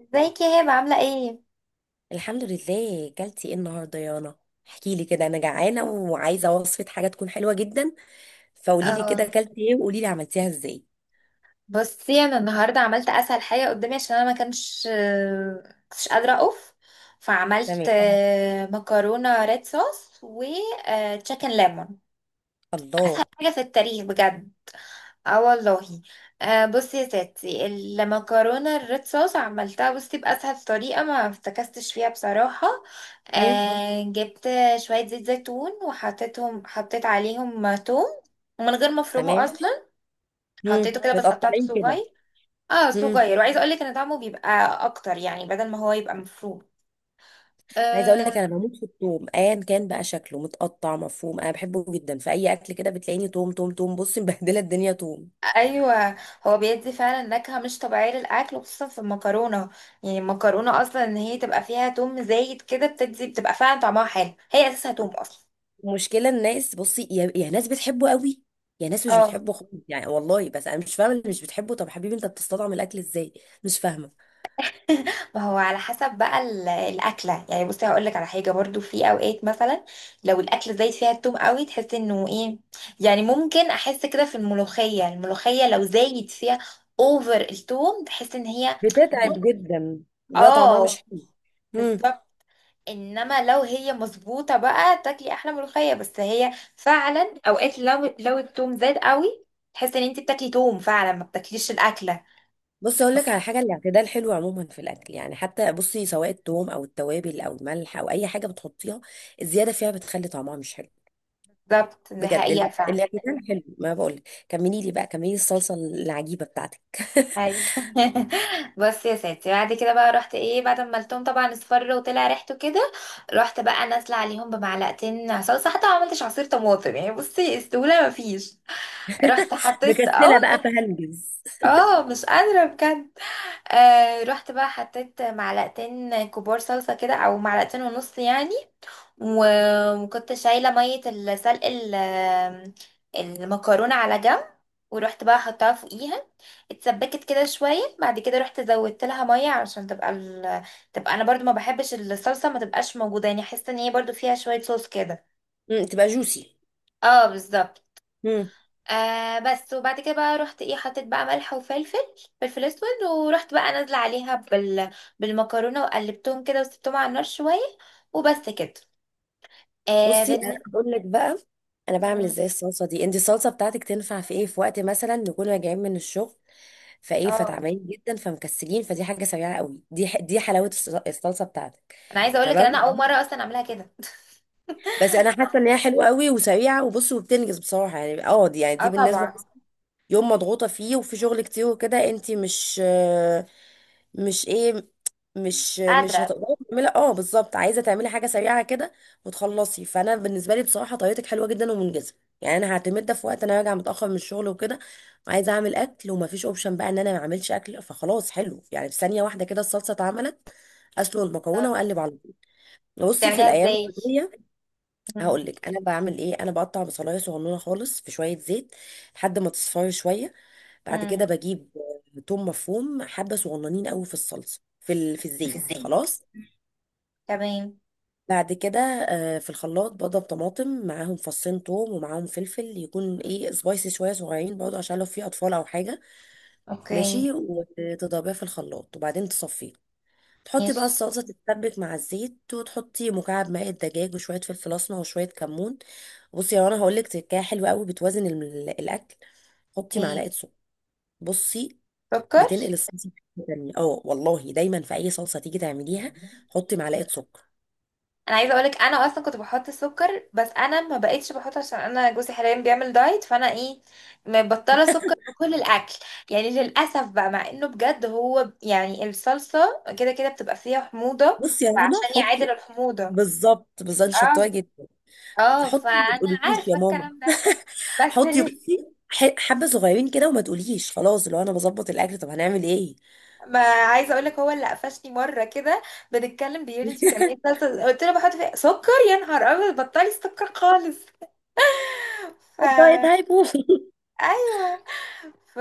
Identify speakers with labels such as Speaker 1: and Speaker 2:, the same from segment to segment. Speaker 1: ازيك يا هبة عاملة ايه؟
Speaker 2: الحمد لله، كلتي ايه النهارده يا رنا؟ احكي لي كده، انا جعانه وعايزه وصفه حاجه تكون حلوه جدا. فقولي لي كده
Speaker 1: اه،
Speaker 2: كلتي ايه، وقولي لي عملتيها ازاي.
Speaker 1: بصي انا النهاردة عملت اسهل حاجة قدامي عشان انا ما كانش كنتش قادرة اقف. فعملت
Speaker 2: تمام.
Speaker 1: مكرونة ريد صوص و تشيكن ليمون.
Speaker 2: الله.
Speaker 1: حاجة في التاريخ بجد. اه والله. بصي يا ستي، المكرونة الريد صوص عملتها بصي بأسهل طريقة، ما افتكستش فيها بصراحة.
Speaker 2: مم.
Speaker 1: جبت شوية زيت زيتون وحطيتهم، حطيت عليهم توم، ومن غير ما افرمه
Speaker 2: تمام.
Speaker 1: اصلا.
Speaker 2: مم.
Speaker 1: حطيته كده بس قطعته
Speaker 2: متقطعين كده.
Speaker 1: صغير. اه،
Speaker 2: مم.
Speaker 1: صغير، وعايزه اقول لك ان طعمه بيبقى اكتر، يعني بدل ما هو يبقى مفروم.
Speaker 2: عايزه اقول
Speaker 1: آه
Speaker 2: لك انا بموت في التوم، ايا كان بقى شكله متقطع مفروم. انا بحبه جدا في اي اكل كده، بتلاقيني توم توم توم بصي مبهدله الدنيا توم.
Speaker 1: ايوه، هو بيدي فعلا نكهه مش طبيعيه للاكل، وخصوصا في المكرونه. يعني المكرونه اصلا ان هي تبقى فيها توم زايد كده بتدي، بتبقى فعلا طعمها حلو، هي اساسها توم اصلا.
Speaker 2: المشكله، الناس بصي، يا ناس بتحبه قوي، يا ناس مش
Speaker 1: اه
Speaker 2: بتحبه خالص يعني والله. بس انا مش فاهمه اللي مش بتحبه. طب حبيبي، انت بتستطعم الاكل ازاي؟ مش فاهمه.
Speaker 1: ما هو على حسب بقى الاكله. يعني بصي هقول لك على حاجه برضو، في اوقات مثلا لو الاكله زايد فيها التوم قوي تحس انه ايه. يعني ممكن احس كده في الملوخيه، الملوخيه لو زايد فيها اوفر التوم، تحس ان هي،
Speaker 2: بتتعب جدا. بيبقى طعمها
Speaker 1: اه
Speaker 2: مش حلو. امم.
Speaker 1: بالظبط. انما لو هي مظبوطه بقى تاكلي احلى ملوخيه، بس هي فعلا اوقات لو التوم زاد قوي تحس ان انت بتاكلي توم فعلا، ما بتاكليش الاكله.
Speaker 2: بص، اقول لك على حاجه، الاعتدال حلو عموما في الاكل يعني. حتى بصي، سواء التوم او التوابل او الملح او اي حاجه بتحطيها، الزياده فيها بتخلي طعمها مش حلو.
Speaker 1: بالظبط، دي
Speaker 2: بجد ال-
Speaker 1: حقيقه فعلا.
Speaker 2: الاعتدال حلو ما بقول. كملي لي بقى، كملي الصلصه العجيبه بتاعتك.
Speaker 1: اي بص يا ستي، بعد كده بقى رحت ايه، بعد ما قلتهم طبعا اصفر وطلع ريحته كده، رحت بقى نازله عليهم بمعلقتين صلصه، حتى ما عملتش عصير طماطم يعني، بصي استوله مفيش. رحت حطيت، اه،
Speaker 2: مكسله بقى فهنجز.
Speaker 1: اه مش قادره بجد. آه رحت بقى حطيت معلقتين كبار صلصه كده او معلقتين ونص يعني. وكنت شايلة مية السلق المكرونة على جنب، ورحت بقى حطها فوقيها. اتسبكت كده شوية، بعد كده رحت زودت لها مية عشان تبقى ال... تبقى، انا برضو ما بحبش الصلصة ما تبقاش موجودة، يعني احس ان هي برضو فيها شوية صوص كده.
Speaker 2: تبقى جوسي.
Speaker 1: اه بالظبط.
Speaker 2: امم.
Speaker 1: آه بس، وبعد كده بقى رحت ايه، حطيت بقى ملح وفلفل، فلفل اسود، ورحت بقى نازلة عليها بال... بالمكرونة وقلبتهم كده وسبتهم على النار شوية، وبس كده. آه
Speaker 2: بصي، انا
Speaker 1: بن...
Speaker 2: بقول لك بقى انا بعمل
Speaker 1: مم،
Speaker 2: ازاي الصلصه دي. انت الصلصه بتاعتك تنفع في ايه؟ في وقت مثلا نكون راجعين من الشغل، فايه،
Speaker 1: اه
Speaker 2: فتعبانين جدا، فمكسلين، فدي حاجه سريعه قوي. دي دي حلاوه الصلصه بتاعتك.
Speaker 1: انا عايزه اقول لك ان انا
Speaker 2: تمام.
Speaker 1: اول مره اصلا اعملها كده.
Speaker 2: بس انا حاسه ان هي حلوه قوي وسريعه، وبص، وبتنجز بصراحه يعني. اه دي يعني
Speaker 1: اه
Speaker 2: دي بالنسبه
Speaker 1: طبعا.
Speaker 2: يوم مضغوطة فيه وفي شغل كتير وكده، انتي مش، مش ايه، مش
Speaker 1: قادره.
Speaker 2: هتقدري تعملي. اه بالظبط، عايزة تعملي حاجة سريعة كده وتخلصي. فانا بالنسبة لي بصراحة طريقتك حلوة جدا ومنجزة. يعني انا هعتمد ده في وقت انا راجعة متأخر من الشغل وكده، وعايزة اعمل اكل، ومفيش اوبشن بقى ان انا ما اعملش اكل. فخلاص، حلو يعني، في ثانية واحدة كده الصلصة اتعملت. اسلق المكرونة
Speaker 1: طب
Speaker 2: واقلب على طول. بصي، في
Speaker 1: بتعمليها
Speaker 2: الايام
Speaker 1: ازاي؟
Speaker 2: العادية
Speaker 1: مم.
Speaker 2: هقول لك انا بعمل ايه: انا بقطع بصلايه صغنونه خالص في شوية زيت لحد ما تصفر شوية. بعد
Speaker 1: مم.
Speaker 2: كده بجيب توم مفروم، حبة صغننين قوي في الصلصة، في
Speaker 1: في
Speaker 2: الزيت،
Speaker 1: الزيت.
Speaker 2: خلاص.
Speaker 1: تمام.
Speaker 2: بعد كده في الخلاط بضرب طماطم معاهم فصين توم، ومعاهم فلفل يكون ايه، سبايسي شوية، صغيرين برضه عشان لو في أطفال أو حاجة.
Speaker 1: اوكي.
Speaker 2: ماشي، وتضربيها في الخلاط وبعدين تصفيه. تحطي
Speaker 1: ماشي.
Speaker 2: بقى الصلصة تتسبك مع الزيت، وتحطي مكعب ماء الدجاج وشوية فلفل أسمر وشوية كمون. بصي يا رنا، هقولك تركاية حلوة قوي بتوازن الأكل. حطي
Speaker 1: ايه؟
Speaker 2: معلقة سكر. بصي،
Speaker 1: سكر؟
Speaker 2: بتنقل الصلصه في حته تانية. اه والله، دايما في اي صلصه تيجي تعمليها حطي معلقه سكر.
Speaker 1: انا عايزه اقولك انا اصلا كنت بحط السكر، بس انا ما بقتش بحط عشان انا جوزي حاليا بيعمل دايت، فانا ايه، مبطله سكر في كل الاكل. يعني للاسف بقى، مع انه بجد هو ب- يعني الصلصه كده كده بتبقى فيها حموضه،
Speaker 2: بصي يا رنا،
Speaker 1: فعشان يعادل
Speaker 2: حطي.
Speaker 1: الحموضه.
Speaker 2: بالظبط، بالظبط، شطايه
Speaker 1: اه.
Speaker 2: جدا.
Speaker 1: اه،
Speaker 2: حطي، ما
Speaker 1: فانا
Speaker 2: تقوليش يا
Speaker 1: عارفه
Speaker 2: ماما.
Speaker 1: الكلام ده. بس
Speaker 2: حطي
Speaker 1: اللي،
Speaker 2: بصي، حبه صغيرين كده، وما تقوليش خلاص لو انا بظبط الاكل طب هنعمل ايه.
Speaker 1: ما عايزه اقول لك هو اللي قفشني مره كده، بنتكلم بيقول لي انت بتعملي صلصه، قلت له بحط فيها سكر، يا نهار ابيض بطلي سكر خالص.
Speaker 2: الدايت
Speaker 1: ف،
Speaker 2: هيبوظ.
Speaker 1: ايوه. ف...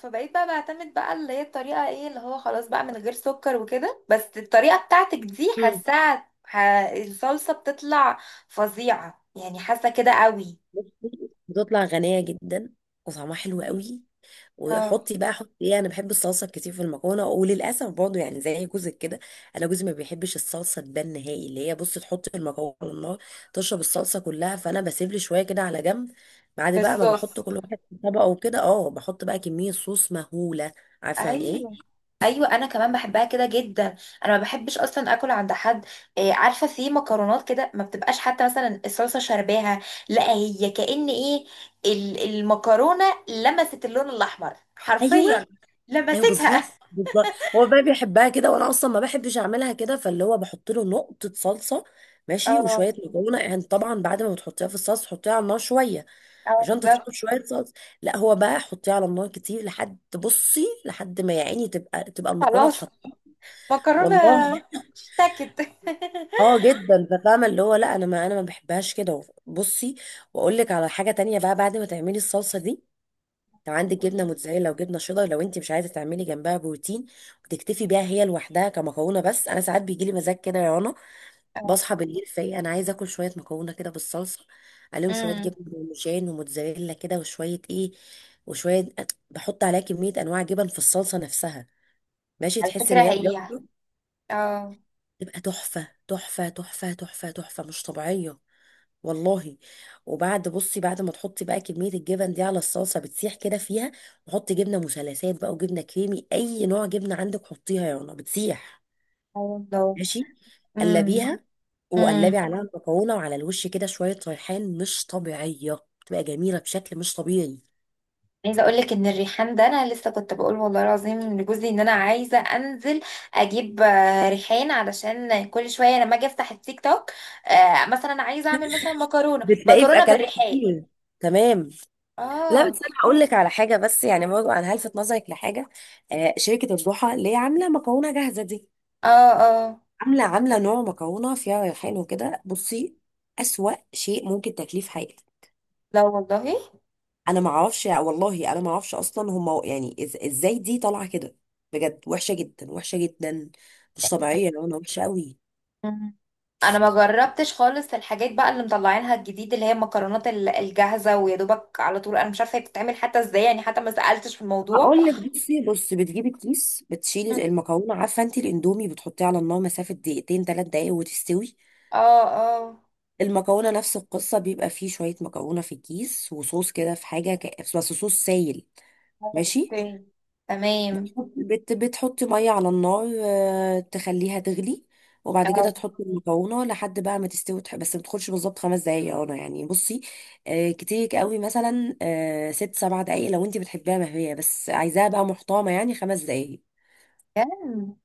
Speaker 1: فبقيت بقى بعتمد بقى اللي هي الطريقه ايه اللي هو خلاص بقى من غير سكر وكده، بس الطريقه بتاعتك دي حاساها ح... الصلصه بتطلع فظيعه يعني، حاسه كده قوي.
Speaker 2: بصي، بتطلع غنية جدا وطعمها حلو قوي.
Speaker 1: اه.
Speaker 2: وحطي بقى، حطي ايه، انا بحب الصلصه كتير في المكرونه وللاسف برضه يعني زي جوزك كده. انا جوزي ما بيحبش الصلصه تبان نهائي، اللي هي بصي تحطي المكرونه على النار تشرب الصلصه كلها، فانا بسيب لي شويه كده على جنب. بعد بقى ما
Speaker 1: بالصوص.
Speaker 2: بحط كل واحد في طبقه وكده، اه، بحط بقى كميه صوص مهوله. عارفه يعني ايه؟
Speaker 1: ايوه. ايوه، انا كمان بحبها كده جدا. انا ما بحبش اصلا اكل عند حد. إيه، عارفه في مكرونات كده ما بتبقاش، حتى مثلا الصلصه شرباها، لا هي كأن ايه، المكرونه لمست اللون الاحمر
Speaker 2: ايوه.
Speaker 1: حرفيا،
Speaker 2: ايوه،
Speaker 1: لمستها.
Speaker 2: بالظبط، بالظبط. هو بقى بيحبها كده، وانا اصلا ما بحبش اعملها كده، فاللي هو بحط له نقطه صلصه. ماشي،
Speaker 1: اه
Speaker 2: وشويه مكرونه، يعني طبعا بعد ما بتحطيها في الصلصه حطيها على النار شويه
Speaker 1: اه
Speaker 2: عشان
Speaker 1: بالظبط.
Speaker 2: تطلب شويه صلصه. لا هو بقى حطيها على النار كتير لحد بصي، لحد ما يا عيني تبقى المكرونه
Speaker 1: خلاص.
Speaker 2: اتحط.
Speaker 1: مكرونه
Speaker 2: والله.
Speaker 1: اشتكت.
Speaker 2: اه جدا. ففاهمه اللي هو لا، انا ما بحبهاش كده بصي. واقول لك على حاجه تانية بقى، بعد ما تعملي الصلصه دي، لو عندك جبنه
Speaker 1: قوليلي.
Speaker 2: موتزاريلا وجبنه شيدر، لو انت مش عايزه تعملي جنبها بروتين وتكتفي بيها هي لوحدها كمكرونه. بس انا ساعات بيجي لي مزاج كده يا رنا، بصحى
Speaker 1: اه.
Speaker 2: بالليل فايقه، انا عايزه اكل شويه مكرونه كده بالصلصه، عليهم شويه
Speaker 1: امم.
Speaker 2: جبنه بارميجان وموتزاريلا كده، وشويه ايه، وشويه. بحط عليها كميه انواع جبن في الصلصه نفسها، ماشي.
Speaker 1: على
Speaker 2: تحس ان
Speaker 1: فكره
Speaker 2: هي
Speaker 1: هي،
Speaker 2: بيضه.
Speaker 1: اه.
Speaker 2: تبقى تحفه تحفه تحفه تحفه تحفه، مش طبيعيه والله. وبعد بصي، بعد ما تحطي بقى كمية الجبن دي على الصلصة بتسيح كده فيها، وحطي جبنة مثلثات بقى وجبنة كريمي، أي نوع جبنة عندك حطيها يا رنا، بتسيح.
Speaker 1: اه والله.
Speaker 2: ماشي، قلبيها،
Speaker 1: امم.
Speaker 2: وقلبي عليها المكرونة. وعلى الوش كده شوية ريحان، مش طبيعية، بتبقى جميلة بشكل مش طبيعي.
Speaker 1: عايزه اقول لك ان الريحان ده انا لسه كنت بقول والله العظيم لجوزي ان انا عايزه انزل اجيب ريحان، علشان كل شويه لما اجي افتح التيك توك، مثلا عايزه اعمل مثلا مكرونه
Speaker 2: بتلاقيه في
Speaker 1: مكرونه
Speaker 2: أكلات
Speaker 1: بالريحان.
Speaker 2: كتير. تمام. لا بس
Speaker 1: اه
Speaker 2: انا هقول لك على حاجه، بس يعني برضه انا هلفت نظرك لحاجه: شركه الضحى اللي هي عامله مكرونه جاهزه دي،
Speaker 1: اه اه.
Speaker 2: عامله نوع مكرونه فيها ريحان وكده. بصي، اسوأ شيء ممكن تاكليه في حياتك.
Speaker 1: لا والله.
Speaker 2: انا ما اعرفش والله، انا ما اعرفش اصلا هم يعني ازاي دي طالعه كده. بجد، وحشه جدا، وحشه جدا. مش طبيعيه، انا وحشه قوي.
Speaker 1: مم. انا ما جربتش خالص الحاجات بقى اللي مطلعينها الجديد، اللي هي المكرونات الجاهزه، ويا دوبك على طول، انا مش عارفه هي بتتعمل حتى ازاي يعني، حتى ما سالتش في الموضوع.
Speaker 2: هقول لك، بصي، بص، بتجيبي الكيس،
Speaker 1: مم.
Speaker 2: بتشيلي المكرونه. عارفه انت الاندومي بتحطيه على النار مسافه دقيقتين 3 دقايق وتستوي؟
Speaker 1: اه اه.
Speaker 2: المكرونه نفس القصه. بيبقى فيه شويه مكرونه في الكيس وصوص كده في حاجه، بس صوص سايل. ماشي،
Speaker 1: اوكي. تمام.
Speaker 2: بتحطي ميه على النار، تخليها تغلي. وبعد كده
Speaker 1: اه.
Speaker 2: تحطي المكرونه لحد بقى ما تستوي، بس ما تدخلش بالظبط 5 دقايق يا رنا يعني. بصي، كتير قوي مثلا 6 7 دقايق لو انت بتحبيها مهويه، بس عايزاها بقى محترمه يعني 5 دقايق.
Speaker 1: بجد.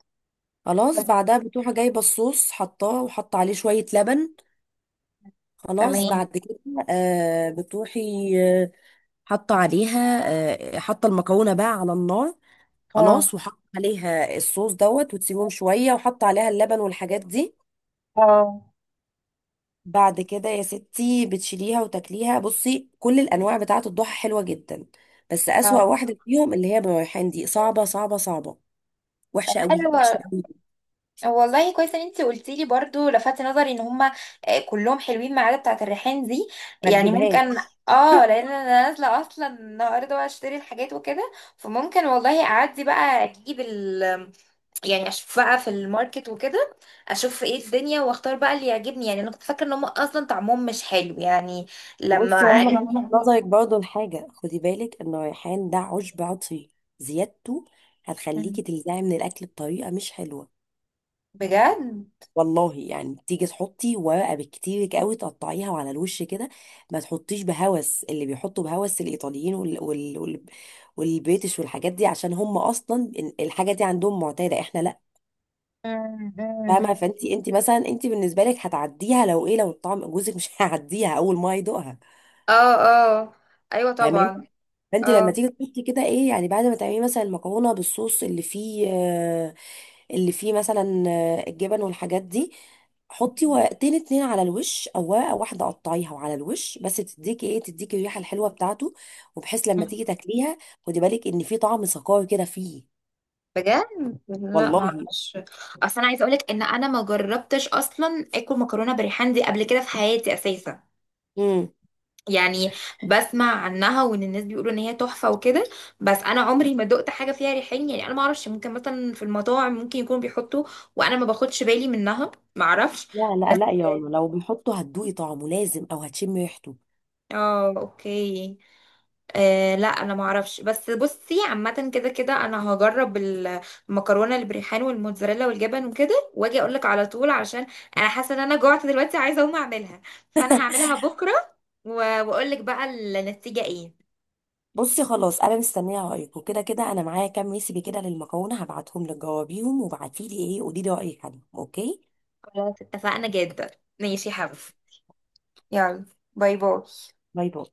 Speaker 2: خلاص،
Speaker 1: بس.
Speaker 2: بعدها بتروح جايبه الصوص، حطاه، وحط عليه شويه لبن. خلاص،
Speaker 1: تمام.
Speaker 2: بعد كده بتروحي آه، حاطه عليها، حاطه المكرونه بقى على النار.
Speaker 1: اه
Speaker 2: خلاص، وحط عليها الصوص دوت، وتسيبهم شوية، وحط عليها اللبن والحاجات دي.
Speaker 1: اه
Speaker 2: بعد كده يا ستي بتشيليها وتاكليها. بصي، كل الأنواع بتاعة الضحى حلوة جدا، بس أسوأ
Speaker 1: اه.
Speaker 2: واحدة فيهم اللي هي بالريحان دي، صعبة، صعبة، صعبة.
Speaker 1: طب
Speaker 2: وحشة قوي،
Speaker 1: حلو،
Speaker 2: وحشة قوي.
Speaker 1: والله كويس ان انت قلتي لي برضو، لفت نظري ان هما كلهم حلوين ما عدا بتاعه الريحان دي.
Speaker 2: ما
Speaker 1: يعني ممكن،
Speaker 2: تجيبهاش.
Speaker 1: اه، لان انا نازله اصلا النهارده بقى اشتري الحاجات وكده، فممكن والله اعدي بقى اجيب ال، يعني اشوف بقى في الماركت وكده، اشوف ايه الدنيا واختار بقى اللي يعجبني. يعني انا كنت فاكره ان هما اصلا طعمهم مش حلو يعني،
Speaker 2: وبصي
Speaker 1: لما
Speaker 2: يا رنا،
Speaker 1: أيوة،
Speaker 2: هلفت
Speaker 1: عرفت
Speaker 2: نظرك برضه لحاجة: خدي بالك إن الريحان ده عشب عطري، زيادته هتخليكي تلزعي من الأكل بطريقة مش حلوة.
Speaker 1: بجد.
Speaker 2: والله. يعني تيجي تحطي ورقه بالكتير قوي، تقطعيها على الوش كده. ما تحطيش بهوس اللي بيحطوا بهوس، الايطاليين والبريتش والحاجات دي، عشان هم اصلا الحاجه دي عندهم معتاده، احنا لا. فاهمه، فانت، انت مثلا، انت بالنسبه لك هتعديها لو ايه، لو الطعم. جوزك مش هيعديها اول ما يدوقها.
Speaker 1: اه اه. ايوه
Speaker 2: فاهماني.
Speaker 1: طبعا.
Speaker 2: فانت لما
Speaker 1: اه
Speaker 2: تيجي تحطي كده ايه، يعني بعد ما تعملي مثلا المكرونه بالصوص اللي فيه اللي فيه مثلا الجبن والحاجات دي، حطي ورقتين اتنين على الوش او ورقه واحده قطعيها وعلى الوش بس، تديكي ايه، تديكي الريحه الحلوه بتاعته. وبحيث لما تيجي تاكليها خدي بالك ان في طعم سكر كده فيه.
Speaker 1: بجد. لا ما
Speaker 2: والله.
Speaker 1: اعرفش. اصل انا عايزه اقولك ان انا ما جربتش اصلا اكل مكرونه بالريحان دي قبل كده في حياتي اساسا.
Speaker 2: امم.
Speaker 1: يعني بسمع عنها وان الناس بيقولوا ان هي تحفه وكده، بس انا عمري ما دقت حاجه فيها ريحان يعني. انا ما اعرفش، ممكن مثلا في المطاعم ممكن يكونوا بيحطوا وانا ما باخدش بالي منها، ما اعرفش.
Speaker 2: لا لا
Speaker 1: بس.
Speaker 2: لا يا رنا، لو بيحطوا هتدوقي طعمه لازم، او هتشمي ريحته.
Speaker 1: اه اوكي. آه لا انا ما اعرفش، بس بصي عامه كده كده انا هجرب المكرونه اللي بريحان والموتزاريلا والجبن وكده، واجي اقول لك على طول، عشان انا حاسه ان انا جوعت دلوقتي، عايزه اقوم اعملها. فانا هعملها بكره، واقول لك بقى النتيجه ايه.
Speaker 2: بصي، خلاص، انا مستنيه رايك. وكده كده انا معايا كام ريسيبي كده للمكرونه، هبعتهم لك، جاوبيهم وبعتيلي ايه، قولي لي رايك عنهم، اوكي؟
Speaker 1: خلاص، اتفقنا جدا. ماشي يا حبيبي. يلا. باي باي.
Speaker 2: باي باي.